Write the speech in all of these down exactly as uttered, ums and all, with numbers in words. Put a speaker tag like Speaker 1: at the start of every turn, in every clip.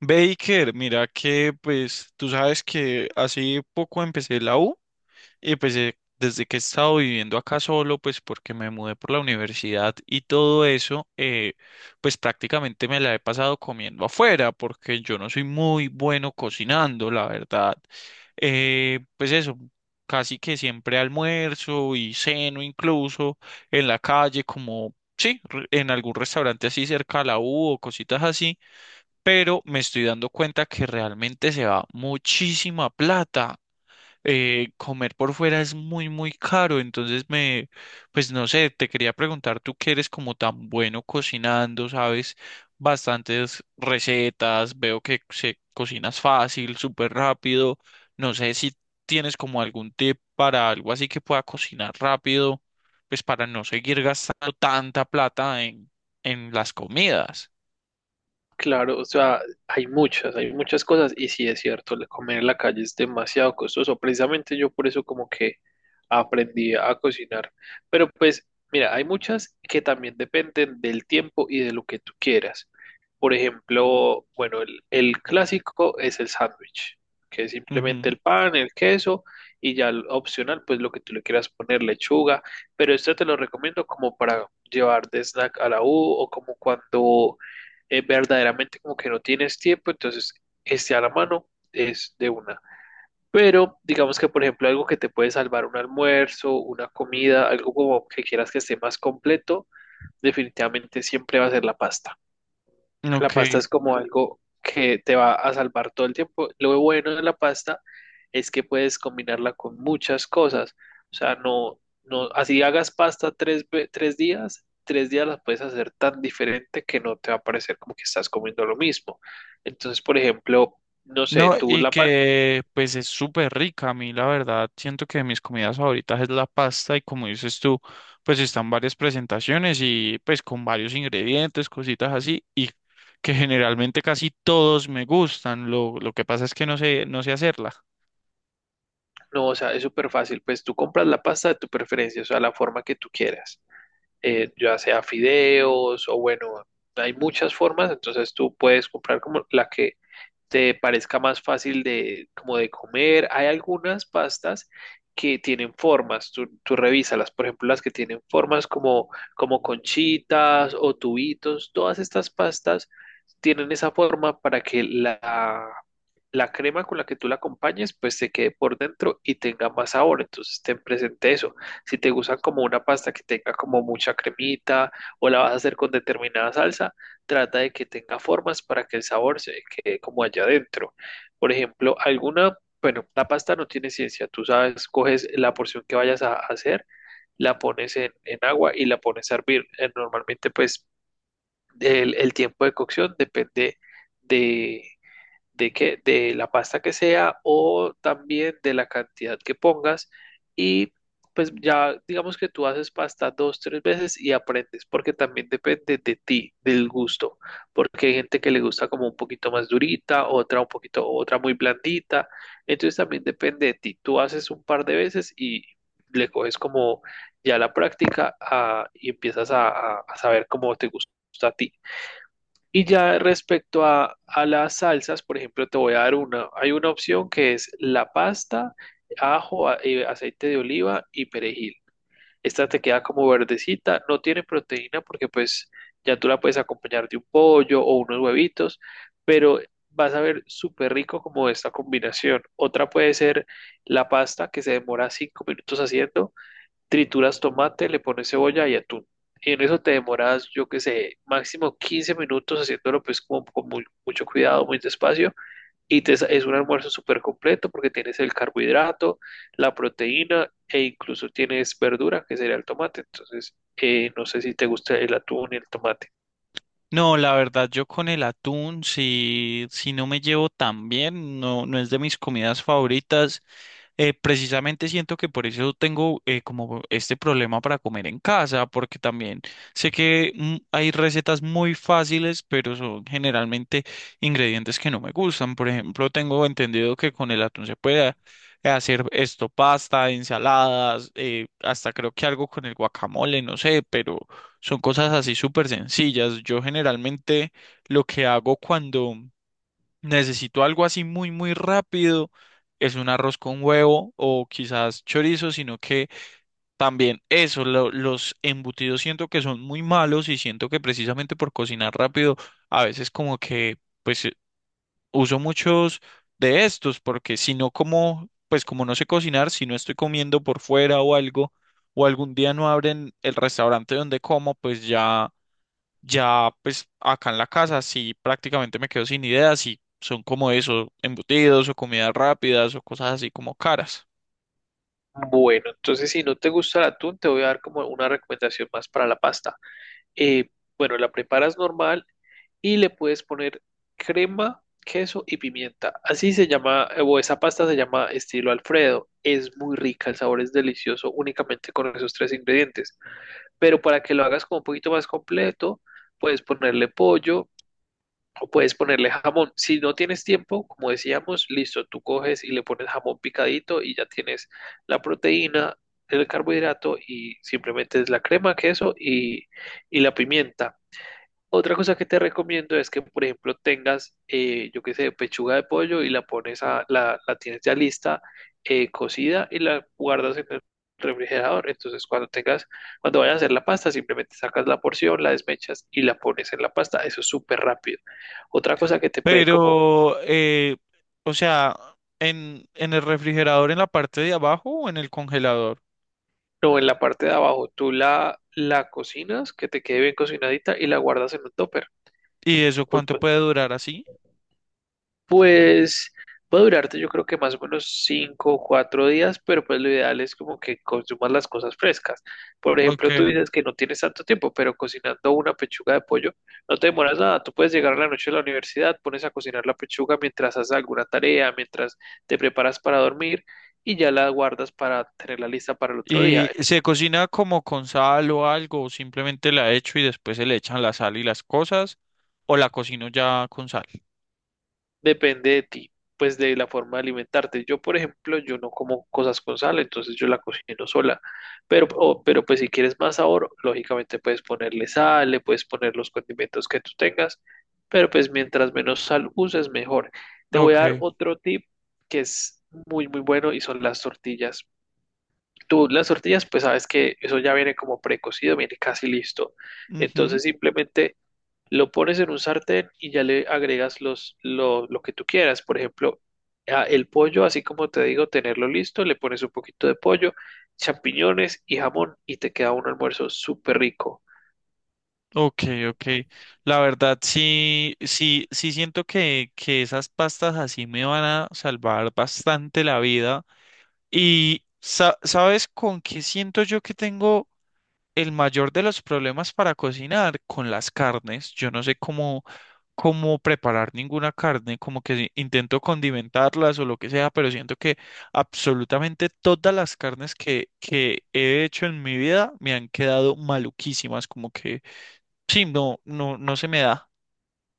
Speaker 1: Baker, mira que pues tú sabes que hace poco empecé la U y pues eh, desde que he estado viviendo acá solo, pues porque me mudé por la universidad y todo eso, eh, pues prácticamente me la he pasado comiendo afuera porque yo no soy muy bueno cocinando, la verdad. Eh, pues eso, casi que siempre almuerzo y ceno incluso en la calle como... Sí, re- en algún restaurante así cerca a la U o cositas así, pero me estoy dando cuenta que realmente se va muchísima plata. Eh, comer por fuera es muy, muy caro, entonces me, pues no sé, te quería preguntar, tú que eres como tan bueno cocinando, sabes bastantes recetas, veo que se cocinas fácil, súper rápido, no sé si tienes como algún tip para algo así que pueda cocinar rápido, pues para no seguir gastando tanta plata en en las comidas.
Speaker 2: Claro, o sea, hay muchas, hay muchas cosas y sí es cierto, el comer en la calle es demasiado costoso. Precisamente yo por eso como que aprendí a cocinar. Pero pues, mira, hay muchas que también dependen del tiempo y de lo que tú quieras. Por ejemplo, bueno, el, el clásico es el sándwich, que es simplemente
Speaker 1: Ujú.
Speaker 2: el pan, el queso y ya el opcional, pues lo que tú le quieras poner, lechuga. Pero esto te lo recomiendo como para llevar de snack a la U o como cuando eh, verdaderamente como que no tienes tiempo, entonces esté a la mano es de una. Pero digamos que, por ejemplo, algo que te puede salvar un almuerzo, una comida, algo como que quieras que esté más completo, definitivamente siempre va a ser la pasta. La pasta
Speaker 1: Ok.
Speaker 2: es como algo que te va a salvar todo el tiempo. Lo bueno de la pasta es que puedes combinarla con muchas cosas. O sea, no, no, así hagas pasta tres, ve- tres días, tres días las puedes hacer tan diferente que no te va a parecer como que estás comiendo lo mismo. Entonces, por ejemplo, no sé,
Speaker 1: No,
Speaker 2: tú
Speaker 1: y
Speaker 2: la pasta,
Speaker 1: que pues es súper rica. A mí, la verdad, siento que de mis comidas favoritas es la pasta y como dices tú, pues están varias presentaciones y pues con varios ingredientes, cositas así, y que generalmente casi todos me gustan. Lo, lo que pasa es que no sé, no sé hacerla.
Speaker 2: no, o sea, es súper fácil. Pues tú compras la pasta de tu preferencia, o sea, la forma que tú quieras. Eh, ya sea fideos o bueno, hay muchas formas, entonces tú puedes comprar como la que te parezca más fácil de, como de comer. Hay algunas pastas que tienen formas, tú, tú revísalas, por ejemplo, las que tienen formas como, como conchitas o tubitos, todas estas pastas tienen esa forma para que la, la crema con la que tú la acompañes, pues se quede por dentro y tenga más sabor. Entonces, ten presente eso. Si te gusta como una pasta que tenga como mucha cremita o la vas a hacer con determinada salsa, trata de que tenga formas para que el sabor se quede como allá adentro. Por ejemplo, alguna, bueno, la pasta no tiene ciencia. Tú sabes, coges la porción que vayas a hacer, la pones en, en agua y la pones a hervir. Eh, Normalmente, pues, el, el tiempo de cocción depende de de que de la pasta que sea o también de la cantidad que pongas y pues ya digamos que tú haces pasta dos, tres veces y aprendes, porque también depende de ti, del gusto, porque hay gente que le gusta como un poquito más durita, otra un poquito, otra muy blandita, entonces también depende de ti, tú haces un par de veces y le coges como ya la práctica, ah, y empiezas a, a a saber cómo te gusta a ti. Y ya respecto a, a las salsas, por ejemplo, te voy a dar una. Hay una opción que es la pasta, ajo, a- eh, aceite de oliva y perejil. Esta te queda como verdecita, no tiene proteína porque pues ya tú la puedes acompañar de un pollo o unos huevitos, pero vas a ver súper rico como esta combinación. Otra puede ser la pasta que se demora cinco minutos haciendo, trituras tomate, le pones cebolla y atún. Y en eso te demoras, yo qué sé, máximo 15 minutos haciéndolo pues como con muy- mucho cuidado, muy despacio. Y te, sa- es un almuerzo súper completo porque tienes el carbohidrato, la proteína e incluso tienes verdura, que sería el tomate. Entonces, eh, no sé si te gusta el atún y el tomate.
Speaker 1: No, la verdad, yo con el atún, si, si no me llevo tan bien, no, no es de mis comidas favoritas. eh, precisamente siento que por eso tengo eh, como este problema para comer en casa, porque también sé que mm, hay recetas muy fáciles, pero son generalmente ingredientes que no me gustan. Por ejemplo, tengo entendido que con el atún se puede hacer esto, pasta, ensaladas, eh, hasta creo que algo con el guacamole, no sé, pero son cosas así súper sencillas. Yo generalmente lo que hago cuando necesito algo así muy, muy rápido, es un arroz con huevo o quizás chorizo, sino que también eso, lo- los embutidos siento que son muy malos y siento que precisamente por cocinar rápido, a veces como que pues eh, uso muchos de estos, porque si no como, pues como no sé cocinar, si no estoy comiendo por fuera o algo, o algún día no abren el restaurante donde como, pues ya. Ya, pues acá en la casa sí prácticamente me quedo sin ideas y son como eso, embutidos o comidas rápidas o cosas así como caras.
Speaker 2: Bueno, entonces si no te gusta el atún, te voy a dar como una recomendación más para la pasta. Eh, bueno, la preparas normal y le puedes poner crema, queso y pimienta. Así se llama, eh, o esa pasta se llama estilo Alfredo. Es muy rica, el sabor es delicioso únicamente con esos tres ingredientes. Pero para que lo hagas como un poquito más completo, puedes ponerle pollo o puedes ponerle jamón. Si no tienes tiempo, como decíamos, listo, tú coges y le pones jamón picadito y ya tienes la proteína, el carbohidrato y simplemente es la crema, queso y, y la pimienta. Otra cosa que te recomiendo es que, por ejemplo, tengas, eh, yo qué sé, pechuga de pollo y la pones a, la, la tienes ya lista, eh, cocida y la guardas en el refrigerador. Entonces, cuando tengas, cuando vayas a hacer la pasta, simplemente sacas la porción, la desmechas y la pones en la pasta. Eso es súper rápido. Otra cosa que te puede como,
Speaker 1: Pero, eh, o sea, en, en el refrigerador en la parte de abajo o en el congelador.
Speaker 2: no, en la parte de abajo, tú la, la cocinas, que te quede bien cocinadita y la guardas en un topper.
Speaker 1: ¿Y eso cuánto puede durar así?
Speaker 2: Pues puede durarte yo creo que más o menos cinco o cuatro días, pero pues lo ideal es como que consumas las cosas frescas. Por
Speaker 1: Ok.
Speaker 2: ejemplo, tú dices que no tienes tanto tiempo, pero cocinando una pechuga de pollo no te demoras nada. Tú puedes llegar a la noche a la universidad, pones a cocinar la pechuga mientras haces alguna tarea, mientras te preparas para dormir y ya la guardas para tenerla lista para el otro día.
Speaker 1: ¿Y se cocina como con sal o algo? ¿O simplemente la echo y después se le echan la sal y las cosas? ¿O la cocino ya con sal?
Speaker 2: Depende de ti, pues de la forma de alimentarte. Yo, por ejemplo, yo no como cosas con sal, entonces yo la cocino sola. Pero, o- pero pues si quieres más sabor, lógicamente puedes ponerle sal, le puedes poner los condimentos que tú tengas, pero pues mientras menos sal uses, mejor. Te voy a dar
Speaker 1: Ok.
Speaker 2: otro tip que es muy, muy bueno y son las tortillas. Tú, las tortillas, pues sabes que eso ya viene como precocido, viene casi listo.
Speaker 1: Ujú.
Speaker 2: Entonces simplemente lo pones en un sartén y ya le agregas los, lo, lo que tú quieras. Por ejemplo, a- el pollo, así como te digo, tenerlo listo, le pones un poquito de pollo, champiñones y jamón y te queda un almuerzo súper rico.
Speaker 1: Ok, ok. La verdad, sí, sí, sí siento que, que esas pastas así me van a salvar bastante la vida. Y sa- ¿sabes con qué siento yo que tengo el mayor de los problemas para cocinar? Con las carnes. Yo no sé cómo, cómo preparar ninguna carne, como que intento condimentarlas o lo que sea, pero siento que absolutamente todas las carnes que, que he hecho en mi vida me han quedado maluquísimas, como que sí, no, no, no se me da.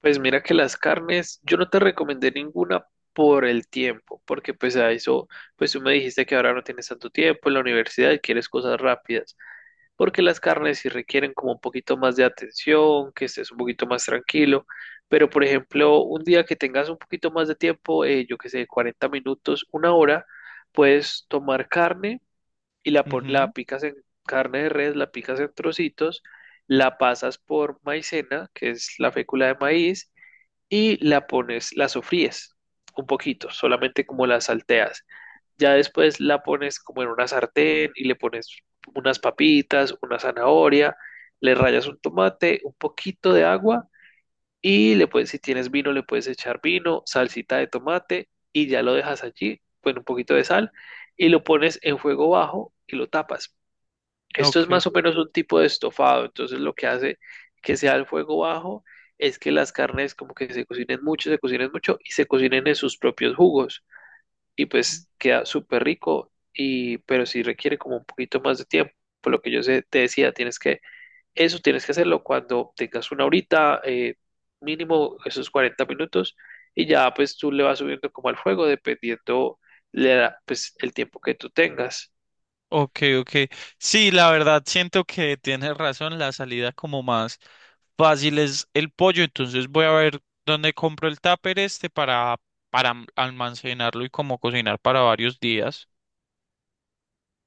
Speaker 2: Pues mira que las carnes, yo no te recomendé ninguna por el tiempo, porque pues a eso, pues tú me dijiste que ahora no tienes tanto tiempo en la universidad y quieres cosas rápidas. Porque las carnes sí requieren como un poquito más de atención, que estés un poquito más tranquilo, pero por ejemplo, un día que tengas un poquito más de tiempo, eh, yo que sé, 40 minutos, una hora, puedes tomar carne y la, pon- la
Speaker 1: Ujú.
Speaker 2: picas en carne de res, la picas en trocitos, la pasas por maicena, que es la fécula de maíz, y la pones, la sofríes un poquito, solamente como la salteas. Ya después la pones como en una sartén y le pones unas papitas, una zanahoria, le rayas un tomate, un poquito de agua y le puedes, si tienes vino, le puedes echar vino, salsita de tomate y ya lo dejas allí con un poquito de sal y lo pones en fuego bajo y lo tapas. Esto es
Speaker 1: Ok,
Speaker 2: más o menos un tipo de estofado, entonces lo que hace que sea el fuego bajo es que las carnes como que se cocinen mucho, se cocinen mucho y se cocinen en sus propios jugos y pues queda súper rico y pero sí requiere como un poquito más de tiempo. Por lo que yo sé- te decía, tienes que eso tienes que hacerlo cuando tengas una horita, eh, mínimo esos cuarenta minutos y ya pues tú le vas subiendo como al fuego dependiendo de la- pues el tiempo que tú tengas.
Speaker 1: ok, ok. Sí, la verdad, siento que tienes razón, la salida como más fácil es el pollo, entonces voy a ver dónde compro el tupper este para, para almacenarlo y como cocinar para varios días.